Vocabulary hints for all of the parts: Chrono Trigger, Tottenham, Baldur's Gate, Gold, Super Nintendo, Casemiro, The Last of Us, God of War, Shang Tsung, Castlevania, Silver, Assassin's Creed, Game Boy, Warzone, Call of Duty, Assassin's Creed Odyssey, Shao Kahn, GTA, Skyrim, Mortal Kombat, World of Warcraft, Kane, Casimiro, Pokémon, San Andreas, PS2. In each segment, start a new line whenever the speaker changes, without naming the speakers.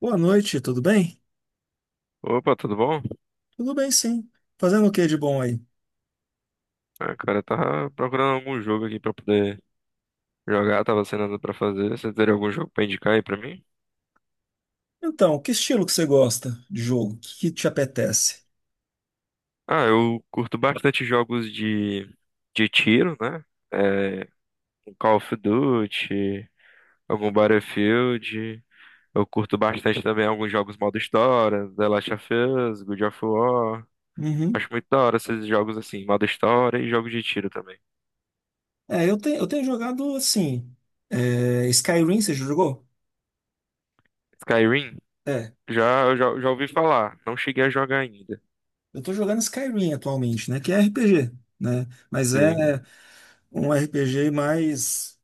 Boa noite, tudo bem?
Opa, tudo bom?
Tudo bem, sim. Fazendo o que de bom aí?
Ah, cara, eu tava procurando algum jogo aqui pra poder jogar, tava sem nada pra fazer. Você teria algum jogo pra indicar aí pra mim?
Então, que estilo que você gosta de jogo? O que que te apetece?
Ah, eu curto bastante jogos de tiro, né? É, um Call of Duty, algum Battlefield. Eu curto bastante também alguns jogos modo história, The Last of Us, God of War. Acho
Uhum.
muito da hora esses jogos assim, modo história e jogo de tiro também.
É, eu tenho jogado assim. Skyrim, você já jogou?
Skyrim,
É.
já ouvi falar, não cheguei a jogar ainda.
Eu tô jogando Skyrim atualmente, né? Que é RPG, né? Mas é
Sim.
um RPG mais.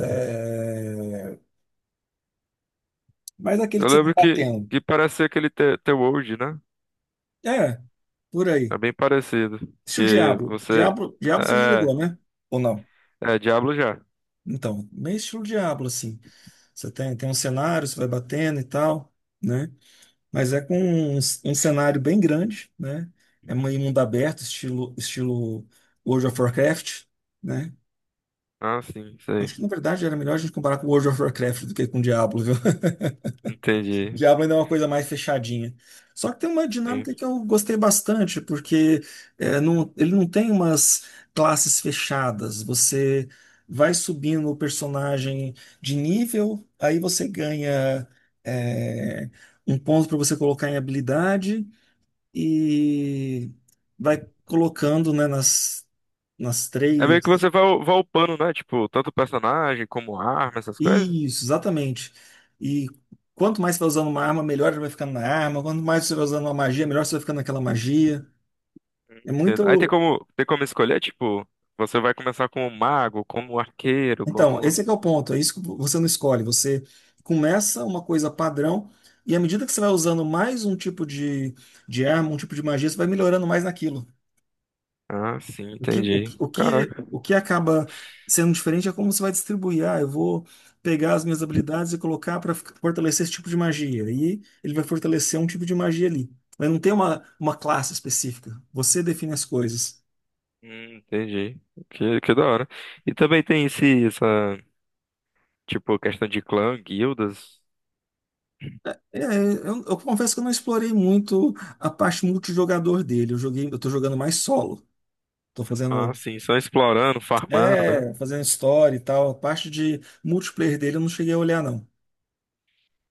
é, mais aquele
Eu
que você tá
lembro que,
batendo.
que parece ser aquele The World, né?
É, por aí.
É bem parecido.
Estilo
Que
Diablo.
você.
Diablo você já
É,
jogou, né? Ou não?
é Diablo já.
Então, meio estilo Diablo, assim. Você tem um cenário, você vai batendo e tal, né? Mas é com um cenário bem grande, né? É meio mundo aberto, estilo World of Warcraft, né?
Ah, sim, sei.
Acho que, na verdade, era melhor a gente comparar com World of Warcraft do que com Diablo, viu?
Entendi.
Diablo ainda é uma coisa mais fechadinha. Só que tem uma
Sim.
dinâmica que eu gostei bastante, porque ele não tem umas classes fechadas. Você vai subindo o personagem de nível, aí você ganha é, um ponto para você colocar em habilidade e vai colocando, né, nas
É meio que
três.
você vai upando, né? Tipo, tanto personagem como arma, essas coisas.
Isso, exatamente. E quanto mais você vai usando uma arma, melhor ele vai ficando na arma. Quanto mais você vai usando uma magia, melhor você vai ficando naquela magia. É
Entendo. Aí tem
muito.
como, tem como escolher, tipo, você vai começar como mago, como arqueiro,
Então,
como.
esse é que é o ponto. É isso que você não escolhe. Você começa uma coisa padrão, e à medida que você vai usando mais um tipo de arma, um tipo de magia, você vai melhorando mais naquilo.
Ah, sim,
O que, o, que,
entendi.
o que
Caraca.
o que acaba sendo diferente é como você vai distribuir. Ah, eu vou pegar as minhas habilidades e colocar para fortalecer esse tipo de magia. E ele vai fortalecer um tipo de magia ali. Mas não tem uma classe específica. Você define as coisas.
Entendi. Que da hora. E também tem essa, tipo, questão de clã, guildas.
É, eu confesso que eu não explorei muito a parte multijogador dele. Eu joguei, eu tô jogando mais solo. Tô
Ah,
fazendo,
sim, só explorando, farmando, né?
é, fazendo história e tal. A parte de multiplayer dele eu não cheguei a olhar, não.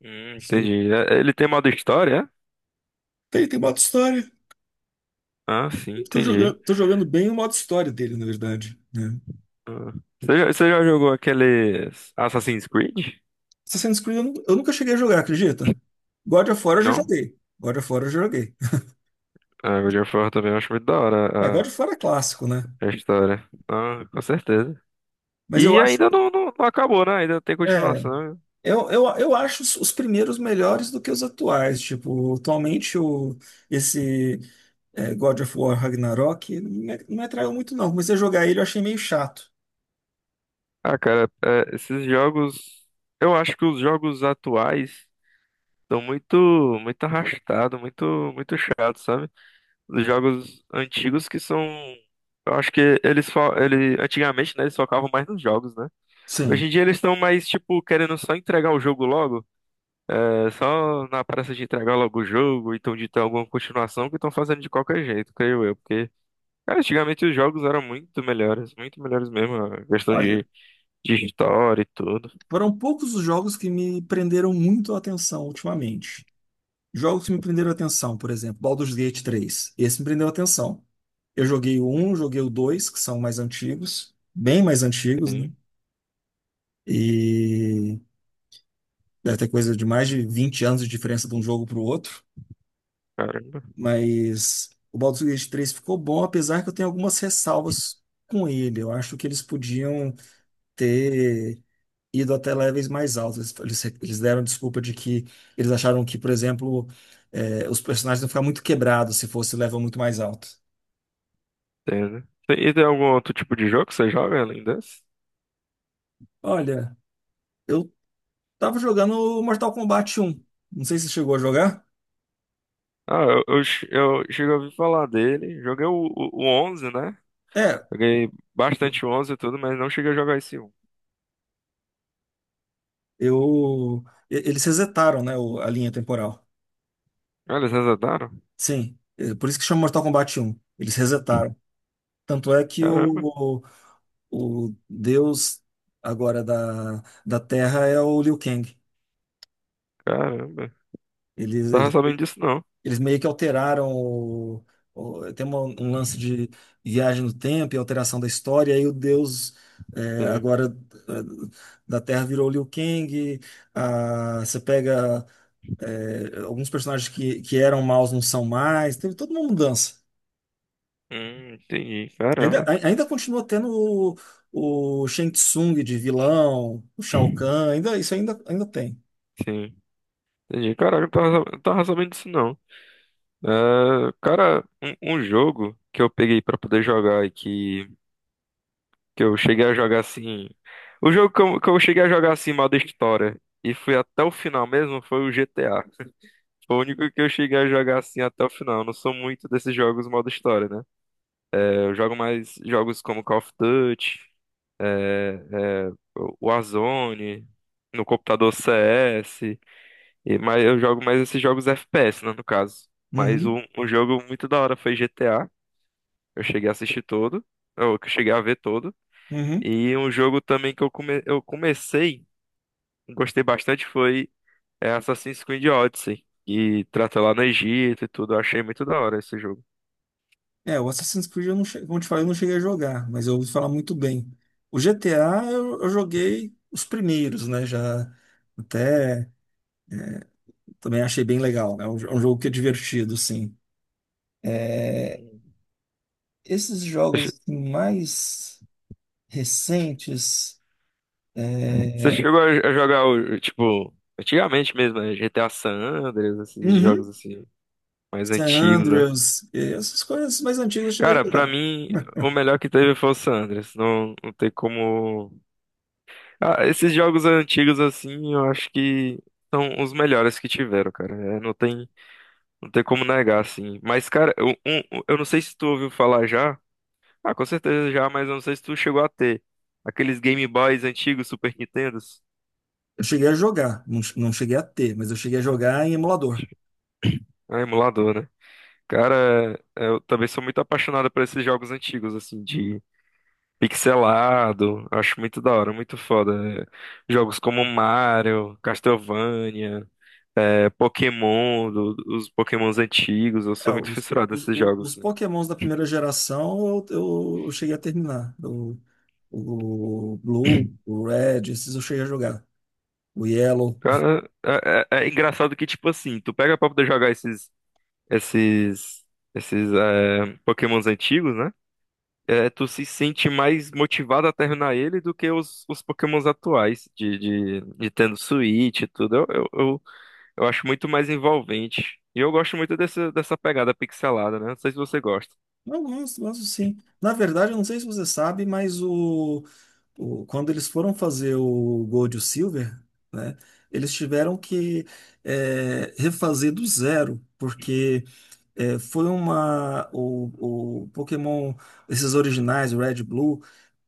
Isso aí.
Entendi. Ele tem modo história, é?
Tem modo história.
Ah, sim,
Tô jogando,
entendi.
tô jogando bem o modo história dele, na verdade, né?
Ah. Você já jogou aqueles Assassin's Creed?
Assassin's Creed eu nunca cheguei a jogar, acredita? God of War eu já
Não?
joguei. God of War eu já joguei.
Ah, God of War também eu acho muito da
É, God
hora
of War é clássico, né?
a história. Ah, com certeza.
Mas eu
E
acho,
ainda não, não, não acabou, né? Ainda tem
é,
continuação.
eu acho os primeiros melhores do que os atuais. Tipo, atualmente esse God of War Ragnarok não me atraiu muito, não. Comecei a jogar ele, eu achei meio chato.
Ah, cara, é, esses jogos. Eu acho que os jogos atuais estão muito, muito arrastados, muito, muito chato, sabe? Dos jogos antigos que são. Eu acho que eles antigamente, né, eles focavam mais nos jogos, né? Hoje em
Sim.
dia eles estão mais, tipo, querendo só entregar o jogo logo. É só na pressa de entregar logo o jogo, então de ter alguma continuação que estão fazendo de qualquer jeito, creio eu. Porque, cara, antigamente os jogos eram muito melhores mesmo. A questão
Olha,
de história e tudo.
foram poucos os jogos que me prenderam muito a atenção ultimamente. Jogos que me prenderam a atenção, por exemplo, Baldur's Gate 3. Esse me prendeu a atenção. Eu joguei o 1, joguei o 2, que são mais antigos, bem mais antigos, né?
Sim,
E deve ter coisa de mais de 20 anos de diferença de um jogo para o outro.
caramba,
Mas o Baldur's Gate 3 ficou bom, apesar que eu tenho algumas ressalvas com ele. Eu acho que eles podiam ter ido até levels mais altos. Eles deram desculpa de que eles acharam que, por exemplo, os personagens iam ficar muito quebrados se fosse level muito mais alto.
entendo. E tem algum outro tipo de jogo que você joga além desse?
Olha, eu tava jogando Mortal Kombat 1. Não sei se você chegou a jogar.
Ah, eu cheguei a ouvir falar dele. Joguei o 11, né?
É,
Joguei bastante o 11 e tudo, mas não cheguei a jogar esse um.
eu. Eles resetaram, né, a linha temporal.
Ah, eles resetaram?
Sim, é por isso que chama Mortal Kombat 1. Eles resetaram. Tanto é que
Caramba,
o deus agora da Terra é o Liu Kang.
caramba.
Ele,
Não tava
ele
sabendo disso, não.
Eles meio que alteraram tem um lance de viagem no tempo e alteração da história, e aí o Deus é,
Sim.
agora é, da Terra virou Liu Kang. Você pega alguns personagens que eram maus não são mais, teve toda uma mudança.
Entendi.
Ainda,
Caramba.
ai- ainda continua tendo o Shang Tsung de vilão, o Shao Kahn, ainda, isso ainda, tem.
Sim. Entendi. Caralho, não tava sabendo disso, não. É, cara, um jogo que eu peguei pra poder jogar e que eu cheguei a jogar assim. O jogo que eu cheguei a jogar assim, modo história, e fui até o final mesmo, foi o GTA. Foi o único que eu cheguei a jogar assim até o final. Eu não sou muito desses jogos modo história, né? É, eu jogo mais jogos como Call of Duty, é, é, Warzone, no computador CS, e, mas eu jogo mais esses jogos FPS, né, no caso. Mas
Uhum,
um jogo muito da hora foi GTA, eu cheguei a assistir todo, ou que eu cheguei a ver todo.
uhum.
E um jogo também que eu comecei, gostei bastante, foi Assassin's Creed Odyssey, que trata lá no Egito e tudo, eu achei muito da hora esse jogo.
É, o Assassin's Creed, eu não che... como eu te falei, eu não cheguei a jogar, mas eu ouvi falar muito bem. O GTA, eu joguei os primeiros, né? Já até também achei bem legal, né? É um jogo que é divertido, sim. É,
Hum.
esses jogos assim, mais recentes,
Você
é...
chegou a jogar o, tipo, antigamente mesmo, né? GTA San Andreas, esses jogos
uhum.
assim, mais
San
antigos, né?
Andreas, essas coisas mais antigas eu cheguei
Cara,
a
pra
jogar.
mim, o melhor que teve foi o San Andreas. Não, não tem como. Ah, esses jogos antigos, assim, eu acho que são os melhores que tiveram, cara. É, não tem como negar, assim. Mas, cara, eu não sei se tu ouviu falar já. Ah, com certeza já, mas eu não sei se tu chegou a ter. Aqueles Game Boys antigos, Super Nintendos.
Eu cheguei a jogar, não, não cheguei a ter, mas eu cheguei a jogar em emulador.
Ah, emulador, né? Cara, eu também sou muito apaixonado por esses jogos antigos, assim, de pixelado. Acho muito da hora, muito foda. É, jogos como Mario, Castlevania, Pokémon, os Pokémons antigos. Eu
É,
sou muito
os, os,
fissurado nesses
os-
jogos,
os
assim.
Pokémons da primeira geração eu cheguei a terminar. O Blue, o Red, esses eu cheguei a jogar. O Yellow.
Cara, é engraçado que, tipo assim, tu pega pra poder jogar esses, esses, Pokémons antigos, né? Tu se sente mais motivado a terminar ele do que os Pokémons atuais, de tendo Switch e tudo. Eu acho muito mais envolvente. E eu gosto muito dessa pegada pixelada, né? Não sei se você gosta.
Eu gosto, gosto sim. Na verdade, eu não sei se você sabe, mas quando eles foram fazer o Gold e o Silver, né, eles tiveram que refazer do zero, porque foi uma. O Pokémon, esses originais, o Red e Blue.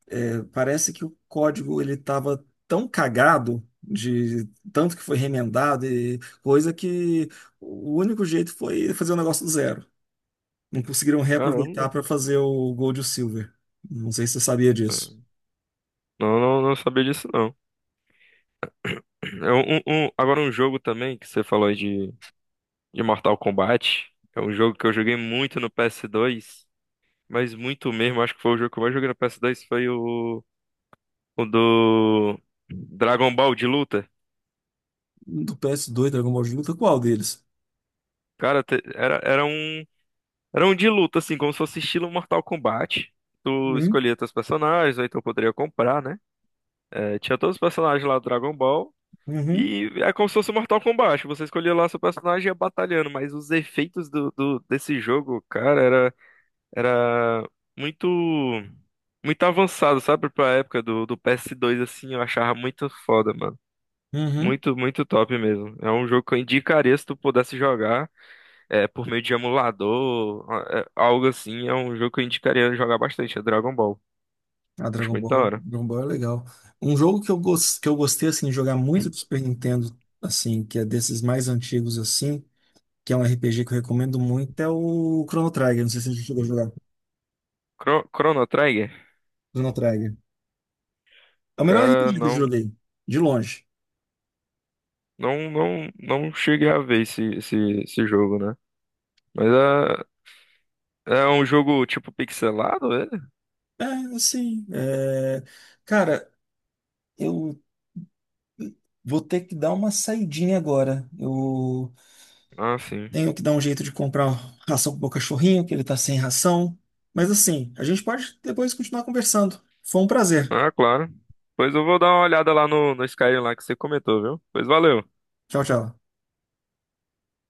É, parece que o código ele estava tão cagado de tanto que foi remendado e coisa que o único jeito foi fazer o negócio do zero. Não conseguiram reaproveitar
Caramba,
para fazer o Gold e o Silver. Não sei se você sabia disso.
não, não, não sabia disso, não. É agora um jogo também que você falou aí de Mortal Kombat. É um jogo que eu joguei muito no PS2, mas muito mesmo. Acho que foi o jogo que eu mais joguei no PS2 foi o do Dragon Ball de luta.
Do PS2, Dragon Ball de luta, qual deles?
Cara, era um de luta, assim, como se fosse estilo Mortal Kombat. Tu
Uhum,
escolhia teus personagens, ou então poderia comprar, né? É, tinha todos os personagens lá do Dragon Ball.
uhum,
E é como se fosse Mortal Kombat. Você escolhia lá seu personagem e ia batalhando, mas os efeitos desse jogo, cara, era muito, muito avançado, sabe? Pra época do PS2, assim, eu achava muito foda, mano.
uhum.
Muito, muito top mesmo. É um jogo que eu indicaria se tu pudesse jogar. Por meio de emulador, algo assim, é um jogo que eu indicaria jogar bastante, é Dragon Ball.
A
Acho
Dragon
muito da
Ball,
hora.
Dragon Ball é legal. Um jogo que eu gostei assim, de jogar muito do Super Nintendo, assim, que é desses mais antigos assim. Que é um RPG que eu recomendo muito, é o Chrono Trigger. Não sei se você chegou a jogar.
Chrono Trigger,
Chrono Trigger. É o melhor
cara,
RPG que eu
não,
joguei, de longe.
não, não, não cheguei a ver esse jogo, né? Mas é um jogo tipo pixelado, ele?
É, assim. Cara, eu vou ter que dar uma saidinha agora. Eu
Ah, sim.
tenho que dar um jeito de comprar ração pro meu cachorrinho, que ele tá sem ração. Mas assim, a gente pode depois continuar conversando. Foi um prazer.
Ah, claro. Pois eu vou dar uma olhada lá no Skyrim lá que você comentou, viu? Pois valeu.
Tchau, tchau.